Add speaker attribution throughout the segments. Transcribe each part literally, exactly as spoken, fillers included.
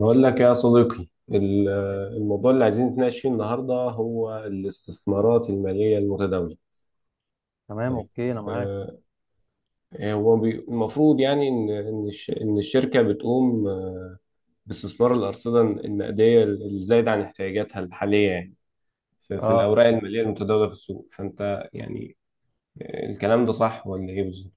Speaker 1: بقول لك يا صديقي ال-
Speaker 2: يا غالي.
Speaker 1: الموضوع اللي عايزين نتناقش فيه النهارده هو الاستثمارات المالية المتداولة.
Speaker 2: تمام،
Speaker 1: طيب.
Speaker 2: اوكي انا معاك.
Speaker 1: آه، هو بي- المفروض يعني ان ان الش- إن الشركة بتقوم آه، باستثمار الأرصدة النقدية الزايدة عن احتياجاتها الحالية، يعني في في
Speaker 2: اه
Speaker 1: الأوراق المالية المتداولة في السوق، فأنت يعني آه، الكلام ده صح ولا إيه بالظبط؟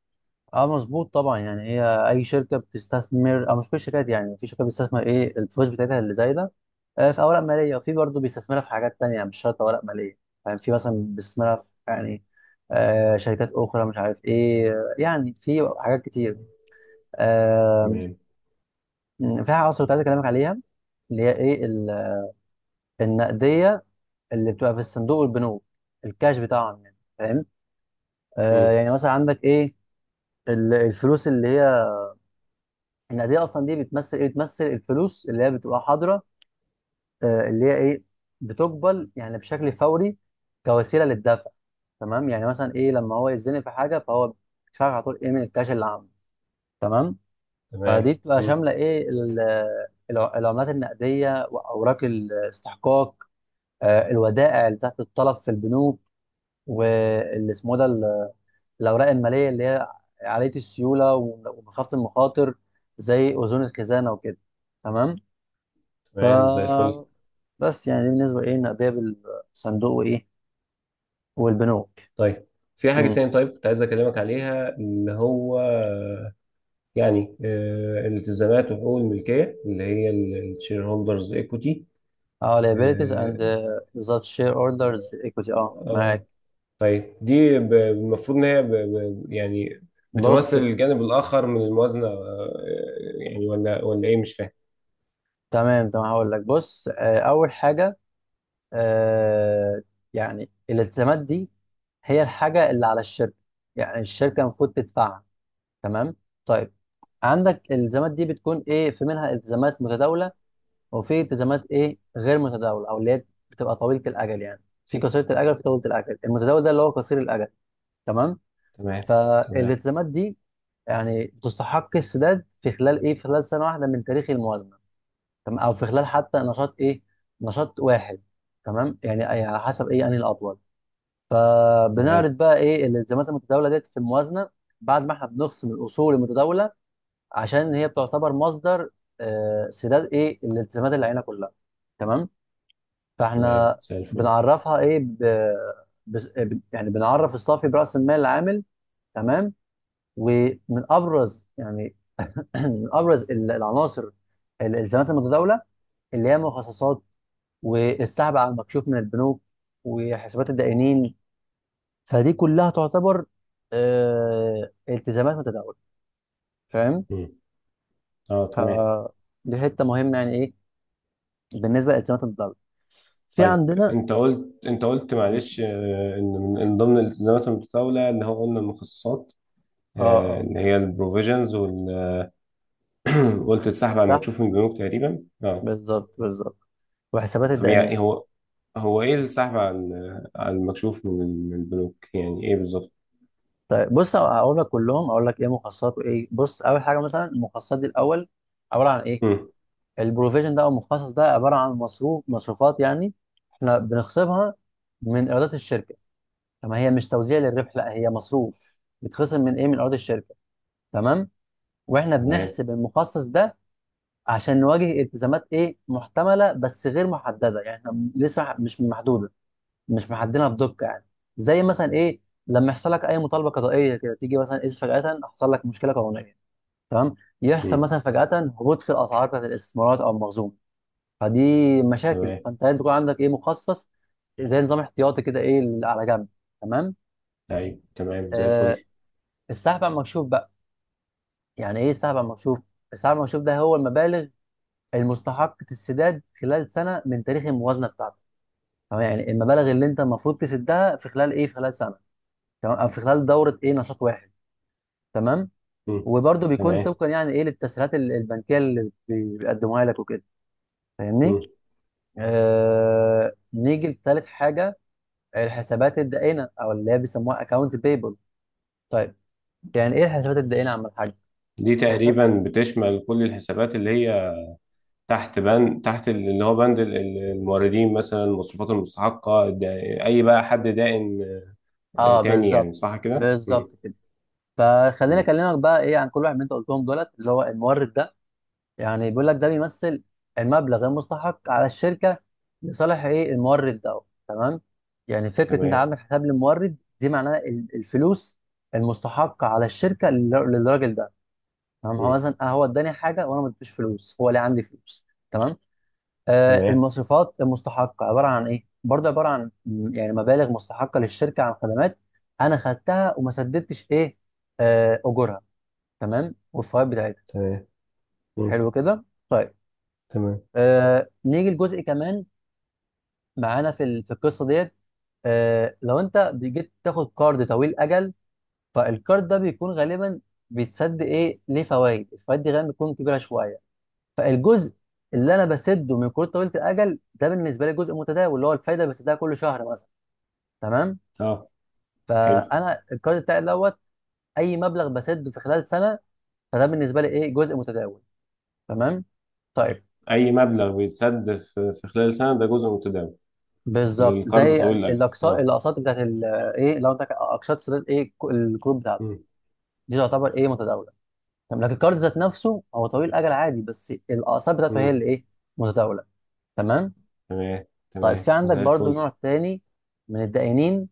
Speaker 2: اه مظبوط طبعا، يعني هي اي شركه بتستثمر، او مش كل الشركات، يعني في شركه بتستثمر ايه الفلوس بتاعتها اللي زايده. آه في اوراق ماليه، وفي برضه بيستثمرها في حاجات تانية، مش شرط اوراق ماليه. يعني في مثلا بيستثمرها في يعني آه شركات اخرى، مش عارف ايه، آه، يعني في حاجات كتير. آه
Speaker 1: تمام،
Speaker 2: م، في حاجه اصلا كنت عايز اكلمك عليها، اللي هي ايه ال- النقديه اللي بتبقى في الصندوق والبنوك، الكاش بتاعهم يعني، فاهم؟ آه
Speaker 1: مم.
Speaker 2: يعني مثلا عندك ايه ال- الفلوس اللي هي النقديه، اصلا دي بتمثل ايه؟ بتمثل الفلوس اللي هي بتبقى حاضره، آه، اللي هي ايه، بتقبل يعني بشكل فوري كوسيله للدفع. تمام، يعني مثلا ايه لما هو يتزنق في حاجه، فهو بيدفع على طول ايه من الكاش اللي عنده، تمام. فدي
Speaker 1: تمام،
Speaker 2: بتبقى
Speaker 1: مم.
Speaker 2: شامله ايه ال- الع- العملات النقديه واوراق الاستحقاق، آه، الودائع اللي تحت الطلب في البنوك، واللي اسمه ده الاوراق الماليه اللي هي عاليه السيوله ومخافه المخاطر، زي اذون الخزانه وكده، تمام. ف
Speaker 1: تمام، زي الفل.
Speaker 2: بس يعني دي بالنسبه ايه النقديه بالصندوق وايه والبنوك.
Speaker 1: طيب، في حاجة
Speaker 2: امم
Speaker 1: تاني، طيب كنت عايز أكلمك عليها اللي هو يعني آه، التزامات وحقوق الملكية اللي هي الشير هولدرز ايكوتي.
Speaker 2: اه، liabilities and
Speaker 1: اه.
Speaker 2: uh, بالظبط share orders equity، اه معاك.
Speaker 1: آه، طيب دي ب- المفروض ان هي ب- ب- يعني
Speaker 2: بص
Speaker 1: بتمثل
Speaker 2: بقى.
Speaker 1: الجانب الاخر من الموازنة، آه، آه، يعني ولا ولا ايه؟ مش فاهم.
Speaker 2: تمام تمام هقول لك، بص، آه اول حاجه، آه يعني الالتزامات دي هي الحاجه اللي على الشركه، يعني الشركه المفروض تدفعها، تمام. طيب عندك الالتزامات دي بتكون ايه، في منها التزامات متداوله، وفي التزامات ايه غير متداوله، او اللي هي بتبقى طويله الاجل، يعني في قصيره الاجل وفي طويله الاجل، المتداول ده اللي هو قصير الاجل، تمام.
Speaker 1: تمام. تمام.
Speaker 2: فالالتزامات دي يعني تستحق السداد في خلال ايه، في خلال سنه واحده من تاريخ الموازنه، تمام، او في خلال حتى نشاط ايه، نشاط واحد، تمام. يعني أي- على حسب ايه انهي الاطول. فبنعرض
Speaker 1: تمام.
Speaker 2: بقى ايه الالتزامات المتداوله ديت في الموازنه، بعد ما احنا بنخصم الاصول المتداوله، عشان هي بتعتبر مصدر آه، سداد ايه الالتزامات اللي علينا كلها، تمام.
Speaker 1: تمام،
Speaker 2: فاحنا
Speaker 1: زي الفل.
Speaker 2: بنعرفها ايه ب... بس... ب... يعني بنعرف الصافي براس المال العامل، تمام. ومن ابرز يعني من ابرز ال- العناصر الالتزامات المتداوله، اللي هي المخصصات، والسحب على المكشوف من البنوك، وحسابات الدائنين. فدي كلها تعتبر آه، التزامات متداوله، فاهم.
Speaker 1: مم. اه تمام.
Speaker 2: فدي حته مهمه يعني ايه بالنسبه لالتزامات الدوله. في
Speaker 1: طيب،
Speaker 2: عندنا
Speaker 1: انت قلت انت قلت
Speaker 2: مم.
Speaker 1: معلش، آه، ان من إن ضمن الالتزامات المتطاوله اللي هو قلنا المخصصات،
Speaker 2: اه
Speaker 1: آه،
Speaker 2: اه
Speaker 1: اللي هي البروفيجنز. قلت السحب على
Speaker 2: مستحق،
Speaker 1: المكشوف من البنوك تقريبا، اه.
Speaker 2: بالظبط بالظبط، وحسابات
Speaker 1: طب يعني إيه
Speaker 2: الدقنيه.
Speaker 1: هو؟ هو ايه السحب على على المكشوف من من البنوك، يعني ايه بالظبط؟
Speaker 2: طيب بص اقول لك كلهم، اقول لك ايه مخصصات وايه، بص اول حاجه مثلا المخصصات دي الاول عباره عن ايه؟
Speaker 1: مم.
Speaker 2: البروفيجن ده او المخصص ده عباره عن مصروف، مصروفات يعني احنا بنخصمها من ايرادات الشركه. طب هي مش توزيع للربح، لا، هي مصروف بيتخصم من ايه، من ايرادات الشركه، تمام. واحنا
Speaker 1: تمام.
Speaker 2: بنحسب المخصص ده عشان نواجه التزامات ايه محتمله بس غير محدده، يعني احنا لسه مح- مش محدوده، مش محددينها بدقه يعني. زي مثلا ايه لما يحصل لك اي مطالبه قضائيه كده، تيجي مثلا ايه فجاه حصل لك مشكله قانونيه، تمام، يحصل
Speaker 1: مم.
Speaker 2: مثلا فجاه هبوط في الاسعار بتاعت الاستثمارات او المخزون. فدي مشاكل،
Speaker 1: تمام.
Speaker 2: فانت لازم يكون عندك ايه مخصص، زي نظام احتياطي كده، ايه اللي على جنب، تمام.
Speaker 1: طيب تمام، زي
Speaker 2: آه،
Speaker 1: الفل.
Speaker 2: السحب على المكشوف بقى، يعني ايه السحب على المكشوف؟ السحب على المكشوف ده هو المبالغ المستحق السداد خلال سنه من تاريخ الموازنه بتاعتك، تمام. يعني المبالغ اللي انت المفروض تسدها في خلال ايه، في خلال سنه، تمام، او في خلال دوره ايه نشاط واحد، تمام.
Speaker 1: مم.
Speaker 2: وبرده بيكون
Speaker 1: تمام.
Speaker 2: طبقا يعني ايه للتسهيلات ال- البنكيه اللي بي- بيقدموها لك وكده، فاهمني.
Speaker 1: مم.
Speaker 2: آه... نيجي لتالت حاجه، الحسابات الدائنه، او اللي هي بيسموها اكونت بيبل. طيب يعني ايه الحسابات الدائنه يا عم الحاج؟
Speaker 1: دي تقريبا بتشمل كل الحسابات اللي هي تحت بند، تحت اللي هو بند ال- ال- الموردين، مثلا المصروفات المستحقة، دا- اي بقى حد دائن آه،
Speaker 2: اه
Speaker 1: تاني،
Speaker 2: بالظبط،
Speaker 1: يعني صح كده. مم.
Speaker 2: بالظبط كده. فخليني
Speaker 1: مم.
Speaker 2: اكلمك بقى ايه عن كل واحد من انت قلتهم دولت، اللي هو المورد. يعني بيقول لك ده بيمثل المبلغ المستحق على الشركه لصالح ايه المورد ده، تمام. يعني فكره انت
Speaker 1: تمام.
Speaker 2: عندك حساب للمورد دي، معناها ال- الفلوس المستحقه على الشركه لل- للراجل ده، تمام. هو
Speaker 1: مم.
Speaker 2: مثلا آه، هو اداني حاجه وانا ما اديتوش فلوس، هو ليه عندي فلوس، تمام. آه
Speaker 1: تمام.
Speaker 2: المصروفات المستحقه عباره عن ايه؟ برضه عباره عن م- يعني مبالغ مستحقه للشركه عن خدمات انا خدتها، وما سددتش ايه آه اجورها، تمام، والفوائد بتاعتها.
Speaker 1: تمام. مم.
Speaker 2: حلو كده، طيب.
Speaker 1: تمام.
Speaker 2: آه نيجي لجزء كمان معانا في ال- في القصه ديت. آه لو انت جيت تاخد كارد طويل اجل، فالكارد ده بيكون غالبا بيتسد ايه، ليه فوائد، الفوائد دي غالبا بتكون كبيره شويه. فالجزء اللي انا بسده من كروت طويله الاجل ده بالنسبه لي جزء متداول، اللي هو الفايده بسدها كل شهر مثلا، تمام.
Speaker 1: اه. حلو.
Speaker 2: فانا الكارد بتاعي دوت، اي مبلغ بسده في خلال سنه، فده بالنسبه لي ايه جزء متداول، تمام، طيب.
Speaker 1: اي مبلغ بيتسد في في خلال سنه ده جزء متداول
Speaker 2: بالظبط
Speaker 1: للقرض
Speaker 2: زي
Speaker 1: طويل الاجل،
Speaker 2: الاقساط
Speaker 1: اه.
Speaker 2: الاقساط بتاعت ال- آه، ايه لو انت ك- اقساط سداد ايه ك- الكروت بتاعته،
Speaker 1: مم.
Speaker 2: دي تعتبر ايه متداوله، تمام. لكن الكارد ذات نفسه هو طويل الاجل عادي، بس الاقساط بتاعته هي
Speaker 1: مم.
Speaker 2: اللي ايه متداوله، تمام.
Speaker 1: تمام.
Speaker 2: طيب في
Speaker 1: تمام،
Speaker 2: عندك
Speaker 1: زي
Speaker 2: برضو
Speaker 1: الفل.
Speaker 2: نوع تاني من الدائنين،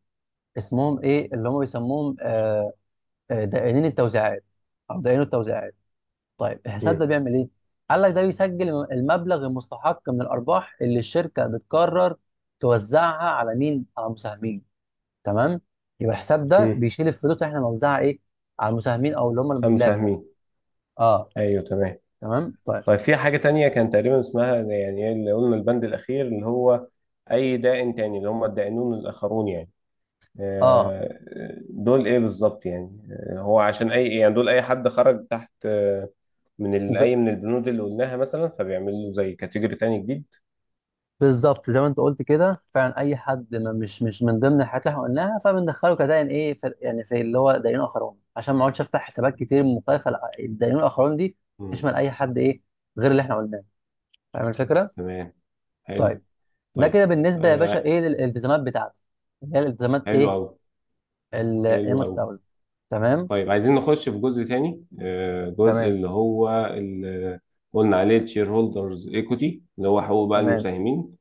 Speaker 2: اسمهم ايه اللي هم بيسموهم آه آه، دائنين التوزيعات، او دائنين التوزيعات. طيب الحساب
Speaker 1: مم.
Speaker 2: ده بيعمل ايه؟ قال لك ده بيسجل المبلغ المستحق من الارباح اللي الشركه بتقرر توزعها على مين، على المساهمين، تمام. يبقى الحساب ده
Speaker 1: مم.
Speaker 2: بيشيل الفلوس اللي احنا بنوزعها ايه على المساهمين، او اللي هم
Speaker 1: أم
Speaker 2: الملاك يعني.
Speaker 1: مساهمين.
Speaker 2: اه
Speaker 1: أيوه تمام.
Speaker 2: تمام طيب.
Speaker 1: طيب في حاجة تانية كان تقريبا اسمها، يعني إيه اللي قلنا البند الأخير اللي هو أي دائن تاني اللي هم الدائنون الآخرون يعني.
Speaker 2: اه
Speaker 1: آه، دول إيه بالظبط؟ يعني آه، هو عشان أي، يعني دول أي حد خرج تحت آه، من ال-
Speaker 2: ب...
Speaker 1: أي من البنود اللي قلناها مثلا، فبيعمل له زي كاتيجوري تاني جديد.
Speaker 2: بالظبط زي ما انت قلت كده فعلا، اي حد ما مش مش من ضمن الحاجات اللي احنا قلناها، فبندخله كدائن ايه في... يعني في اللي هو دائنين اخرون، عشان ما اقعدش افتح حسابات كتير مختلفه. لا، الدائنين الاخرون دي
Speaker 1: مم.
Speaker 2: تشمل اي حد ايه غير اللي احنا قلناه، فاهم الفكره.
Speaker 1: تمام.
Speaker 2: طيب
Speaker 1: حلو.
Speaker 2: ده
Speaker 1: طيب.
Speaker 2: كده بالنسبه يا باشا
Speaker 1: آه.
Speaker 2: ايه للالتزامات بتاعتي، اللي هي الالتزامات
Speaker 1: حلو
Speaker 2: ايه
Speaker 1: أوي.
Speaker 2: ال-
Speaker 1: حلو أوي.
Speaker 2: المتداوله، تمام
Speaker 1: طيب عايزين نخش في جزء تاني، آه جزء
Speaker 2: تمام.
Speaker 1: اللي هو اللي قلنا عليه الشير هولدرز ايكوتي، اللي هو حقوق بقى
Speaker 2: تمام
Speaker 1: المساهمين،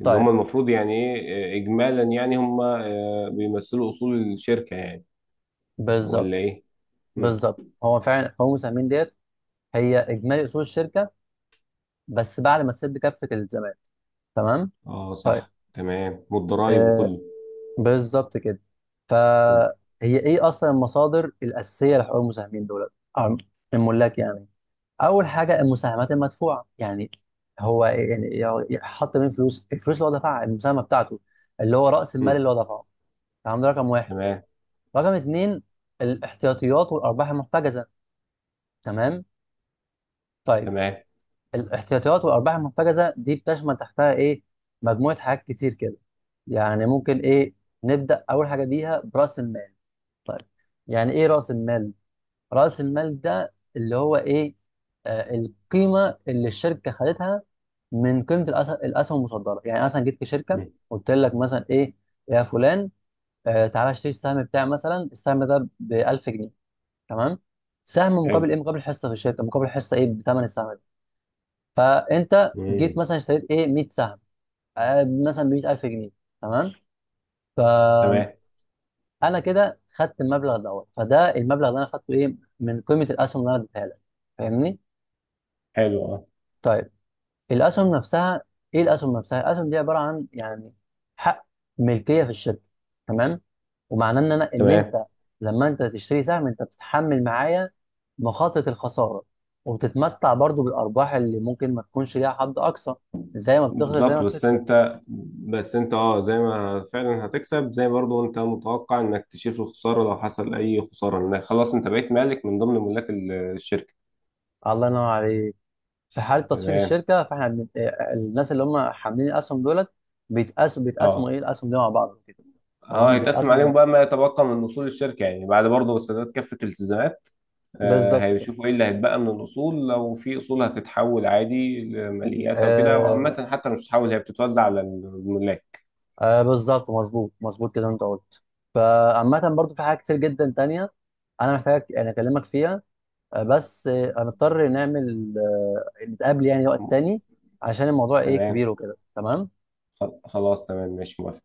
Speaker 1: اللي هم
Speaker 2: طيب،
Speaker 1: المفروض يعني ايه، آه، اجمالا يعني هم آه بيمثلوا اصول الشركة يعني،
Speaker 2: بالظبط
Speaker 1: ولا ايه؟ مم.
Speaker 2: بالظبط. هو فعلا هو مساهمين ديت هي اجمالي اصول الشركه، بس بعد ما تسد كافه الالتزامات، تمام،
Speaker 1: اه
Speaker 2: طيب.
Speaker 1: صح، تمام، والضرايب
Speaker 2: آه
Speaker 1: وكله.
Speaker 2: بالظبط كده. فهي
Speaker 1: مم.
Speaker 2: ايه اصلا المصادر الاساسيه لحقوق المساهمين دول أو الملاك يعني؟ اول حاجه المساهمات المدفوعه، يعني هو يعني يعني حط من فلوس الفلوس اللي هو دفعها المساهمه بتاعته، اللي هو راس المال
Speaker 1: مم.
Speaker 2: اللي هو دفعه، تمام، ده رقم واحد.
Speaker 1: تمام.
Speaker 2: رقم اتنين الاحتياطيات والارباح المحتجزه، تمام، طيب.
Speaker 1: تمام.
Speaker 2: الاحتياطيات والارباح المحتجزه دي بتشمل تحتها ايه؟ مجموعه حاجات كتير كده. يعني ممكن ايه نبدا اول حاجه بيها براس المال، طيب. يعني ايه راس المال؟ راس المال ده اللي هو ايه، آه القيمه اللي الشركه خدتها من قيمه الأس- الاسهم المصدره. يعني مثلا جيت في شركه
Speaker 1: مم.
Speaker 2: قلت لك مثلا ايه، يا فلان، آه تعالى اشتري السهم بتاعي، مثلا السهم ده ب ألف جنيه، تمام، سهم مقابل
Speaker 1: حلو.
Speaker 2: ايه، مقابل حصه في الشركه، مقابل حصه ايه بثمن السهم. فانت جيت
Speaker 1: مم.
Speaker 2: مثلا اشتريت ايه مية سهم، آه، مثلا ب مية ألف جنيه، تمام. فانا
Speaker 1: تمام.
Speaker 2: كده خدت المبلغ دوت، فده المبلغ اللي انا خدته ايه من قيمه الاسهم اللي انا اديتها لك، فاهمني،
Speaker 1: حلو اه.
Speaker 2: طيب. الاسهم نفسها، ايه الاسهم نفسها، الاسهم دي عباره عن يعني حق ملكيه في الشركه، تمام. ومعناه ان انا ان
Speaker 1: تمام.
Speaker 2: انت لما انت تشتري سهم، انت بتتحمل معايا مخاطره الخساره، وبتتمتع برضو بالارباح اللي ممكن ما تكونش ليها حد اقصى، زي ما بتخسر زي ما
Speaker 1: بالظبط، بس
Speaker 2: بتكسب.
Speaker 1: انت بس انت اه زي ما فعلا هتكسب، زي برضو انت متوقع انك تشيل في الخساره، لو حصل اي خساره انك خلاص انت بقيت مالك من ضمن ملاك ال- الشركه.
Speaker 2: الله ينور عليك. في حاله تصفيه
Speaker 1: تمام.
Speaker 2: الشركه، فاحنا بن... آه، آه، الناس اللي هم حاملين الاسهم دولت بيتقاس بيتقاسموا
Speaker 1: اه.
Speaker 2: ايه الاسهم دي مع بعض كده،
Speaker 1: اه
Speaker 2: تمام،
Speaker 1: هيتقسم
Speaker 2: بيتقاسموا،
Speaker 1: عليهم بقى ما يتبقى من اصول الشركه يعني بعد برضو سداد كافه الالتزامات. آه
Speaker 2: بالظبط كده.
Speaker 1: هيشوفوا ايه اللي هيتبقى من الاصول، لو في اصول هتتحول عادي لماليات او كده،
Speaker 2: آه...
Speaker 1: وعامه حتى مش هتتحول هي بتتوزع على الملاك.
Speaker 2: آه بالظبط، مظبوط مظبوط كده انت قلت. فعامة برضو في حاجات كتير جدا تانية انا محتاج يعني اكلمك فيها، آه، بس آه، هنضطر نعمل آه، نتقابل يعني وقت تاني، عشان الموضوع ايه
Speaker 1: تمام.
Speaker 2: كبير وكده، تمام.
Speaker 1: خل- خلاص تمام ماشي موافق.